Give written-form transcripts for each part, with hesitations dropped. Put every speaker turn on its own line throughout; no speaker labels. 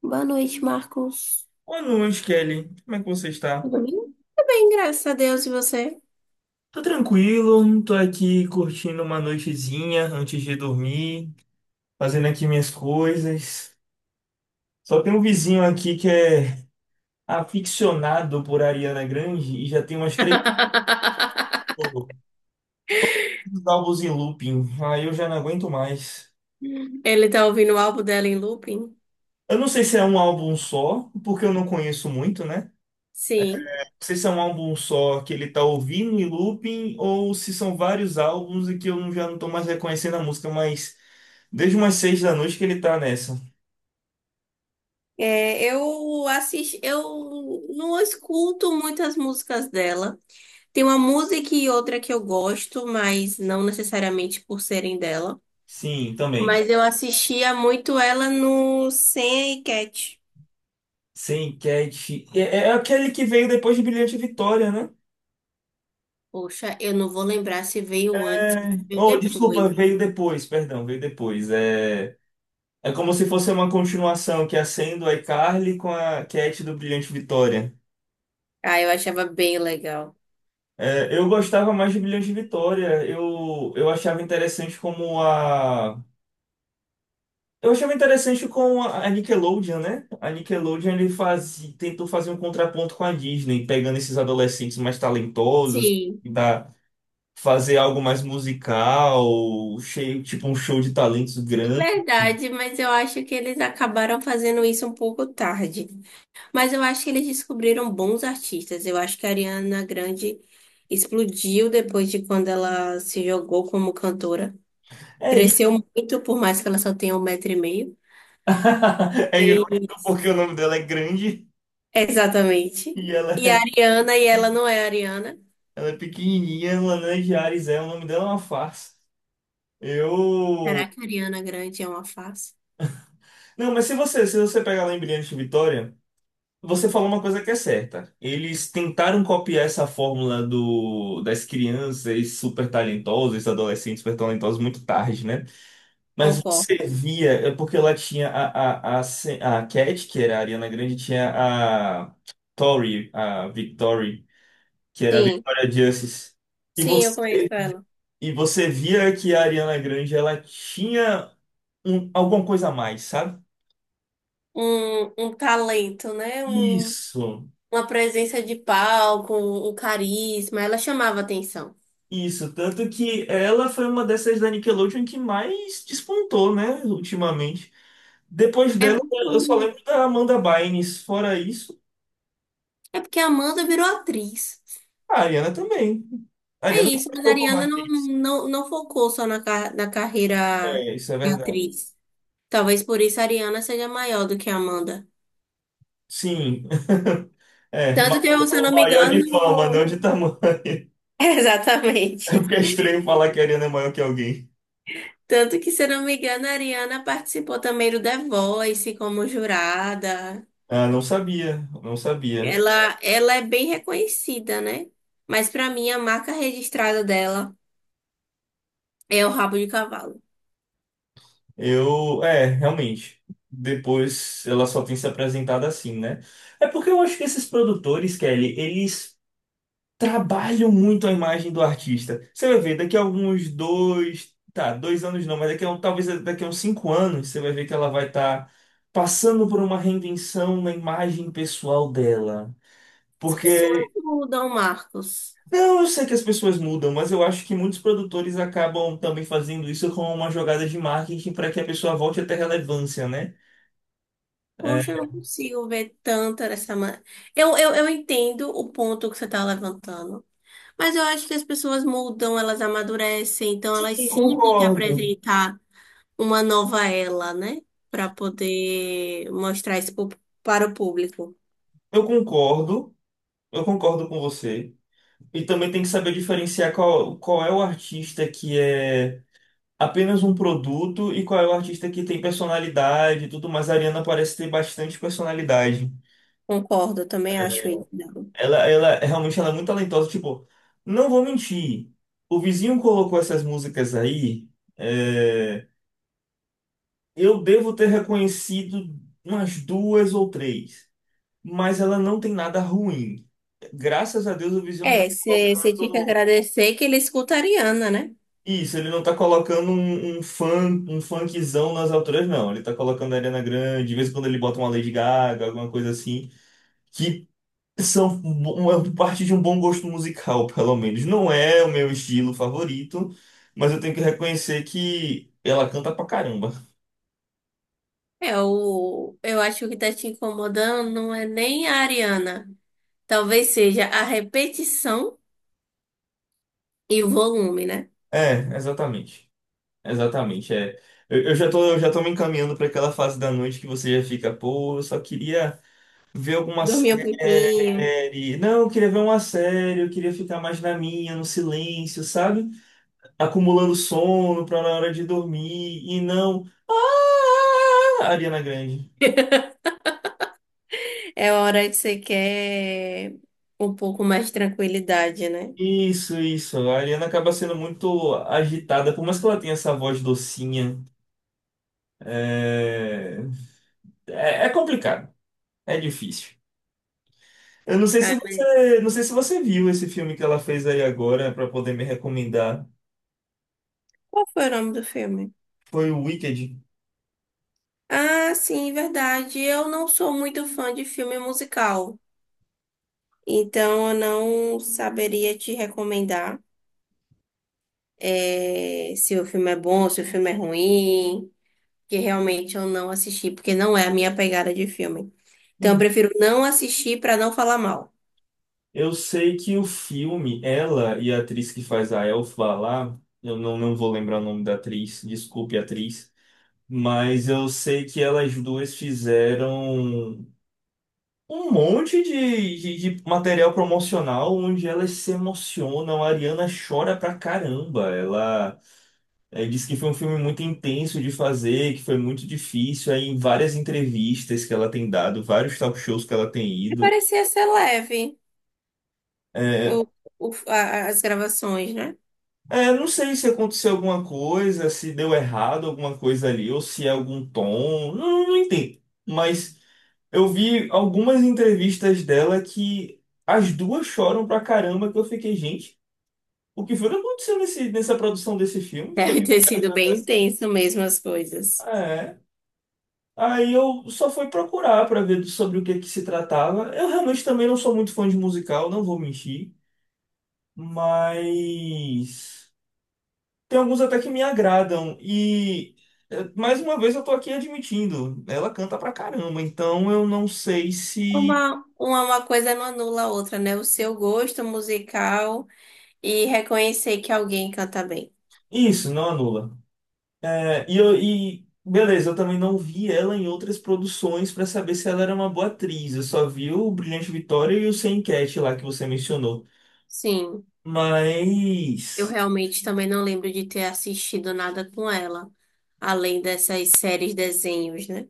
Boa noite, Marcos.
Boa noite, Kelly. Como é que você está?
Tudo bem? Tudo bem, graças a Deus. E você?
Tô tranquilo, tô aqui curtindo uma noitezinha antes de dormir, fazendo aqui minhas coisas. Só tem um vizinho aqui que é aficionado por Ariana Grande e já tem umas três álbuns em looping. Aí eu já não aguento mais.
Ele tá ouvindo o álbum dela em looping?
Eu não sei se é um álbum só, porque eu não conheço muito, né?
Sim.
Se isso é um álbum só que ele tá ouvindo em looping ou se são vários álbuns e que eu não- já não tô mais reconhecendo a música, mas desde umas 6 da noite que ele tá nessa.
É, eu assisto, eu não escuto muitas músicas dela. Tem uma música e outra que eu gosto, mas não necessariamente por serem dela.
Sim, também.
Mas eu assistia muito ela no Sam e Cat.
Sem Cat. É aquele que veio depois de Brilhante Vitória, né?
Poxa, eu não vou lembrar se veio antes ou
Oh, desculpa,
depois.
veio depois, perdão, veio depois. É, é como se fosse uma continuação que acende o iCarly com a Cat do Brilhante Vitória.
Ah, eu achava bem legal.
É, eu gostava mais de Brilhante Vitória. Eu achava interessante com a Nickelodeon, né? A Nickelodeon ele faz, tentou fazer um contraponto com a Disney, pegando esses adolescentes mais talentosos,
Sim.
tentar fazer algo mais musical, cheio, tipo um show de talentos grande.
Verdade, mas eu acho que eles acabaram fazendo isso um pouco tarde. Mas eu acho que eles descobriram bons artistas. Eu acho que a Ariana Grande explodiu depois de quando ela se jogou como cantora.
É isso.
Cresceu muito, por mais que ela só tenha 1,5 m.
É irônico
Mas-
porque o nome dela é grande
Exatamente.
e ela
E a
é,
Ariana, e ela não é a Ariana.
ela é pequenininha, Lana de Ares é, o nome dela é uma farsa.
Será
Eu.
que a Ariana Grande é uma face?
Não, mas se você pegar lá em Brilhante Vitória. Você falou uma coisa que é certa. Eles tentaram copiar essa fórmula das crianças super talentosas, adolescentes super talentosos, muito tarde, né?
Concordo.
Servia, é porque lá tinha a Cat, que era a Ariana Grande, tinha a Tori, a Victory, que era a
Sim,
Victoria Justice. E
sim, eu conheço
você,
ela.
e você via que a Ariana Grande, ela tinha alguma coisa a mais, sabe?
Um talento, né? Um
Isso.
uma presença de palco, um carisma, ela chamava atenção.
Isso, tanto que ela foi uma dessas da Nickelodeon que mais despontou, né, ultimamente. Depois
É
dela,
porque,
eu só
o-
lembro da Amanda Bynes. Fora isso,
é porque a Amanda virou atriz.
a Ariana também. A
É
Ariana
isso, mas a
começou com
Ariana
mais
não,
hits.
não, não focou só na, na carreira
É, isso é
de
verdade.
atriz. Talvez por isso a Ariana seja maior do que a Amanda.
Sim. É,
Tanto que, se eu não me
maior
engano.
de fama, não de tamanho. É
Exatamente.
porque é estranho falar que a Ariana é maior que alguém.
Tanto que, se eu não me engano, a Ariana participou também do The Voice como jurada.
Ah, não sabia, não sabia.
Ela é bem reconhecida, né? Mas para mim, a marca registrada dela. É o rabo de cavalo.
Eu, é, realmente. Depois ela só tem se apresentado assim, né? É porque eu acho que esses produtores, Kelly, eles trabalham muito a imagem do artista. Você vai ver, daqui a alguns dois, tá, 2 anos não, mas daqui a um, talvez daqui a uns 5 anos, você vai ver que ela vai estar passando por uma reinvenção na imagem pessoal dela.
As pessoas
Porque,
mudam, Marcos.
não, eu sei que as pessoas mudam, mas eu acho que muitos produtores acabam também fazendo isso como uma jogada de marketing para que a pessoa volte a ter relevância, né? É.
Poxa, eu não consigo ver tanto dessa maneira. Eu entendo o ponto que você está levantando, mas eu acho que as pessoas mudam, elas amadurecem, então elas
Sim,
sim têm que
concordo.
apresentar uma nova ela, né? Para poder mostrar isso para o público.
Eu concordo, eu concordo com você. E também tem que saber diferenciar qual é o artista que é apenas um produto e qual é o artista que tem personalidade e tudo mais. A Ariana parece ter bastante personalidade.
Concordo, eu também acho isso. Débora.
Ela realmente ela é muito talentosa. Tipo, não vou mentir. O vizinho colocou essas músicas aí. É, eu devo ter reconhecido umas duas ou três. Mas ela não tem nada ruim. Graças a Deus o vizinho não tá
É, você tinha que
colocando.
agradecer que ele escuta a Ariana, né?
Isso, ele não tá colocando um funkzão nas alturas, não. Ele tá colocando a Ariana Grande, de vez em quando ele bota uma Lady Gaga, alguma coisa assim, que são uma parte de um bom gosto musical, pelo menos. Não é o meu estilo favorito, mas eu tenho que reconhecer que ela canta pra caramba.
É, eu acho que tá te incomodando não é nem a Ariana. Talvez seja a repetição e o volume, né?
É, exatamente. Exatamente, é. Eu já tô me encaminhando pra aquela fase da noite que você já fica, pô, eu só queria. Ver alguma
Dormir um pouquinho.
série. Não, eu queria ver uma série, eu queria ficar mais na minha, no silêncio, sabe? Acumulando sono pra na hora de dormir e não. Ah, Ariana Grande.
É hora que você quer um pouco mais de tranquilidade, né?
Isso, isso. A Ariana acaba sendo muito agitada, por mais que ela tenha essa voz docinha. É, é complicado, é difícil. Eu não sei se
Ah,
você, não sei se você viu esse filme que ela fez aí agora pra poder me recomendar.
qual foi o nome do filme?
Foi o Wicked.
Ah, sim, verdade. Eu não sou muito fã de filme musical, então eu não saberia te recomendar se o filme é bom, se o filme é ruim, que realmente eu não assisti, porque não é a minha pegada de filme. Então eu prefiro não assistir para não falar mal.
Eu sei que o filme, ela e a atriz que faz a Elfa lá, eu não vou lembrar o nome da atriz, desculpe, atriz, mas eu sei que elas duas fizeram um monte de material promocional onde elas se emocionam. A Ariana chora pra caramba. Ela disse que foi um filme muito intenso de fazer, que foi muito difícil. Aí, em várias entrevistas que ela tem dado, vários talk shows que ela tem
E
ido.
parecia ser leve
é,
o, as gravações, né?
É, não sei se aconteceu alguma coisa, se deu errado alguma coisa ali, ou se é algum tom, não, não entendo. Mas eu vi algumas entrevistas dela que as duas choram pra caramba, que eu fiquei, gente, o que foi que aconteceu nessa produção desse filme? Foi
Deve
tão
ter sido
pesado
bem
assim.
intenso mesmo as coisas.
Ah, É. Aí eu só fui procurar pra ver sobre o que que se tratava. Eu realmente também não sou muito fã de musical, não vou mentir, mas. Tem alguns até que me agradam. E mais uma vez eu tô aqui admitindo, ela canta pra caramba, então eu não sei se.
Uma coisa não anula a outra, né? O seu gosto musical e reconhecer que alguém canta bem.
Isso, não anula. É, e beleza, eu também não vi ela em outras produções pra saber se ela era uma boa atriz. Eu só vi o Brilhante Vitória e o Sem Enquete lá que você mencionou.
Sim, eu
Mas.
realmente também não lembro de ter assistido nada com ela, além dessas séries desenhos, né?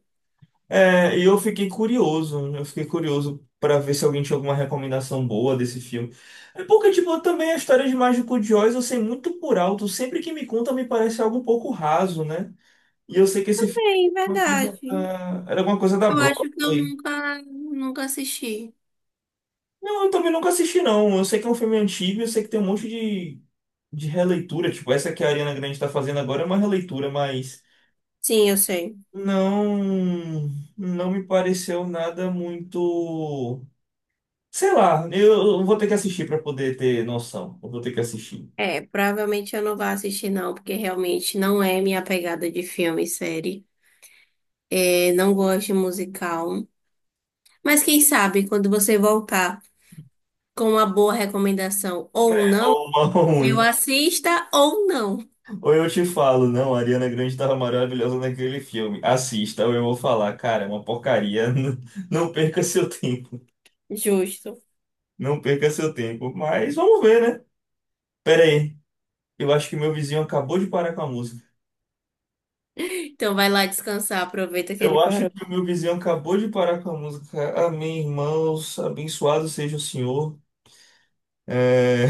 É, e eu fiquei curioso pra ver se alguém tinha alguma recomendação boa desse filme. É porque, tipo, também a história de Mágico de Oz eu sei muito por alto, sempre que me conta me parece algo um pouco raso, né? E eu sei que esse filme
Bem,
é uma coisa
verdade.
era alguma coisa da
Eu acho que eu
Broadway.
nunca, nunca assisti.
Não, eu também nunca assisti, não. Eu sei que é um filme antigo, eu sei que tem um monte de releitura, tipo, essa que a Ariana Grande tá fazendo agora é uma releitura, mas
Sim, eu sei.
não, não me pareceu nada muito. Sei lá, eu vou ter que assistir para poder ter noção. Eu vou ter que assistir.
É, provavelmente eu não vou assistir não, porque realmente não é minha pegada de filme e série. É, não gosto de musical. Mas quem sabe, quando você voltar com uma boa recomendação ou
É
não,
uma
eu
ruim.
assista ou não.
Ou eu te falo, não, a Ariana Grande tava maravilhosa naquele filme. Assista, ou eu vou falar, cara, é uma porcaria. Não, não perca seu tempo.
Justo.
Não perca seu tempo. Mas vamos ver, né? Pera aí. Eu acho que meu vizinho acabou de parar com a música.
Então vai lá descansar, aproveita que
Eu
ele
acho
parou.
que o meu vizinho acabou de parar com a música. Amém, irmãos. Abençoado seja o Senhor. É...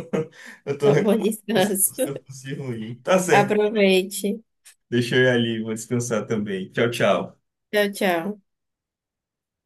Eu tô
Tá bom,
reclamando. Da Música
descanso.
música ruim. Tá certo.
Aproveite.
Deixa eu ir ali, vou descansar também. Tchau, tchau.
Tchau, tchau.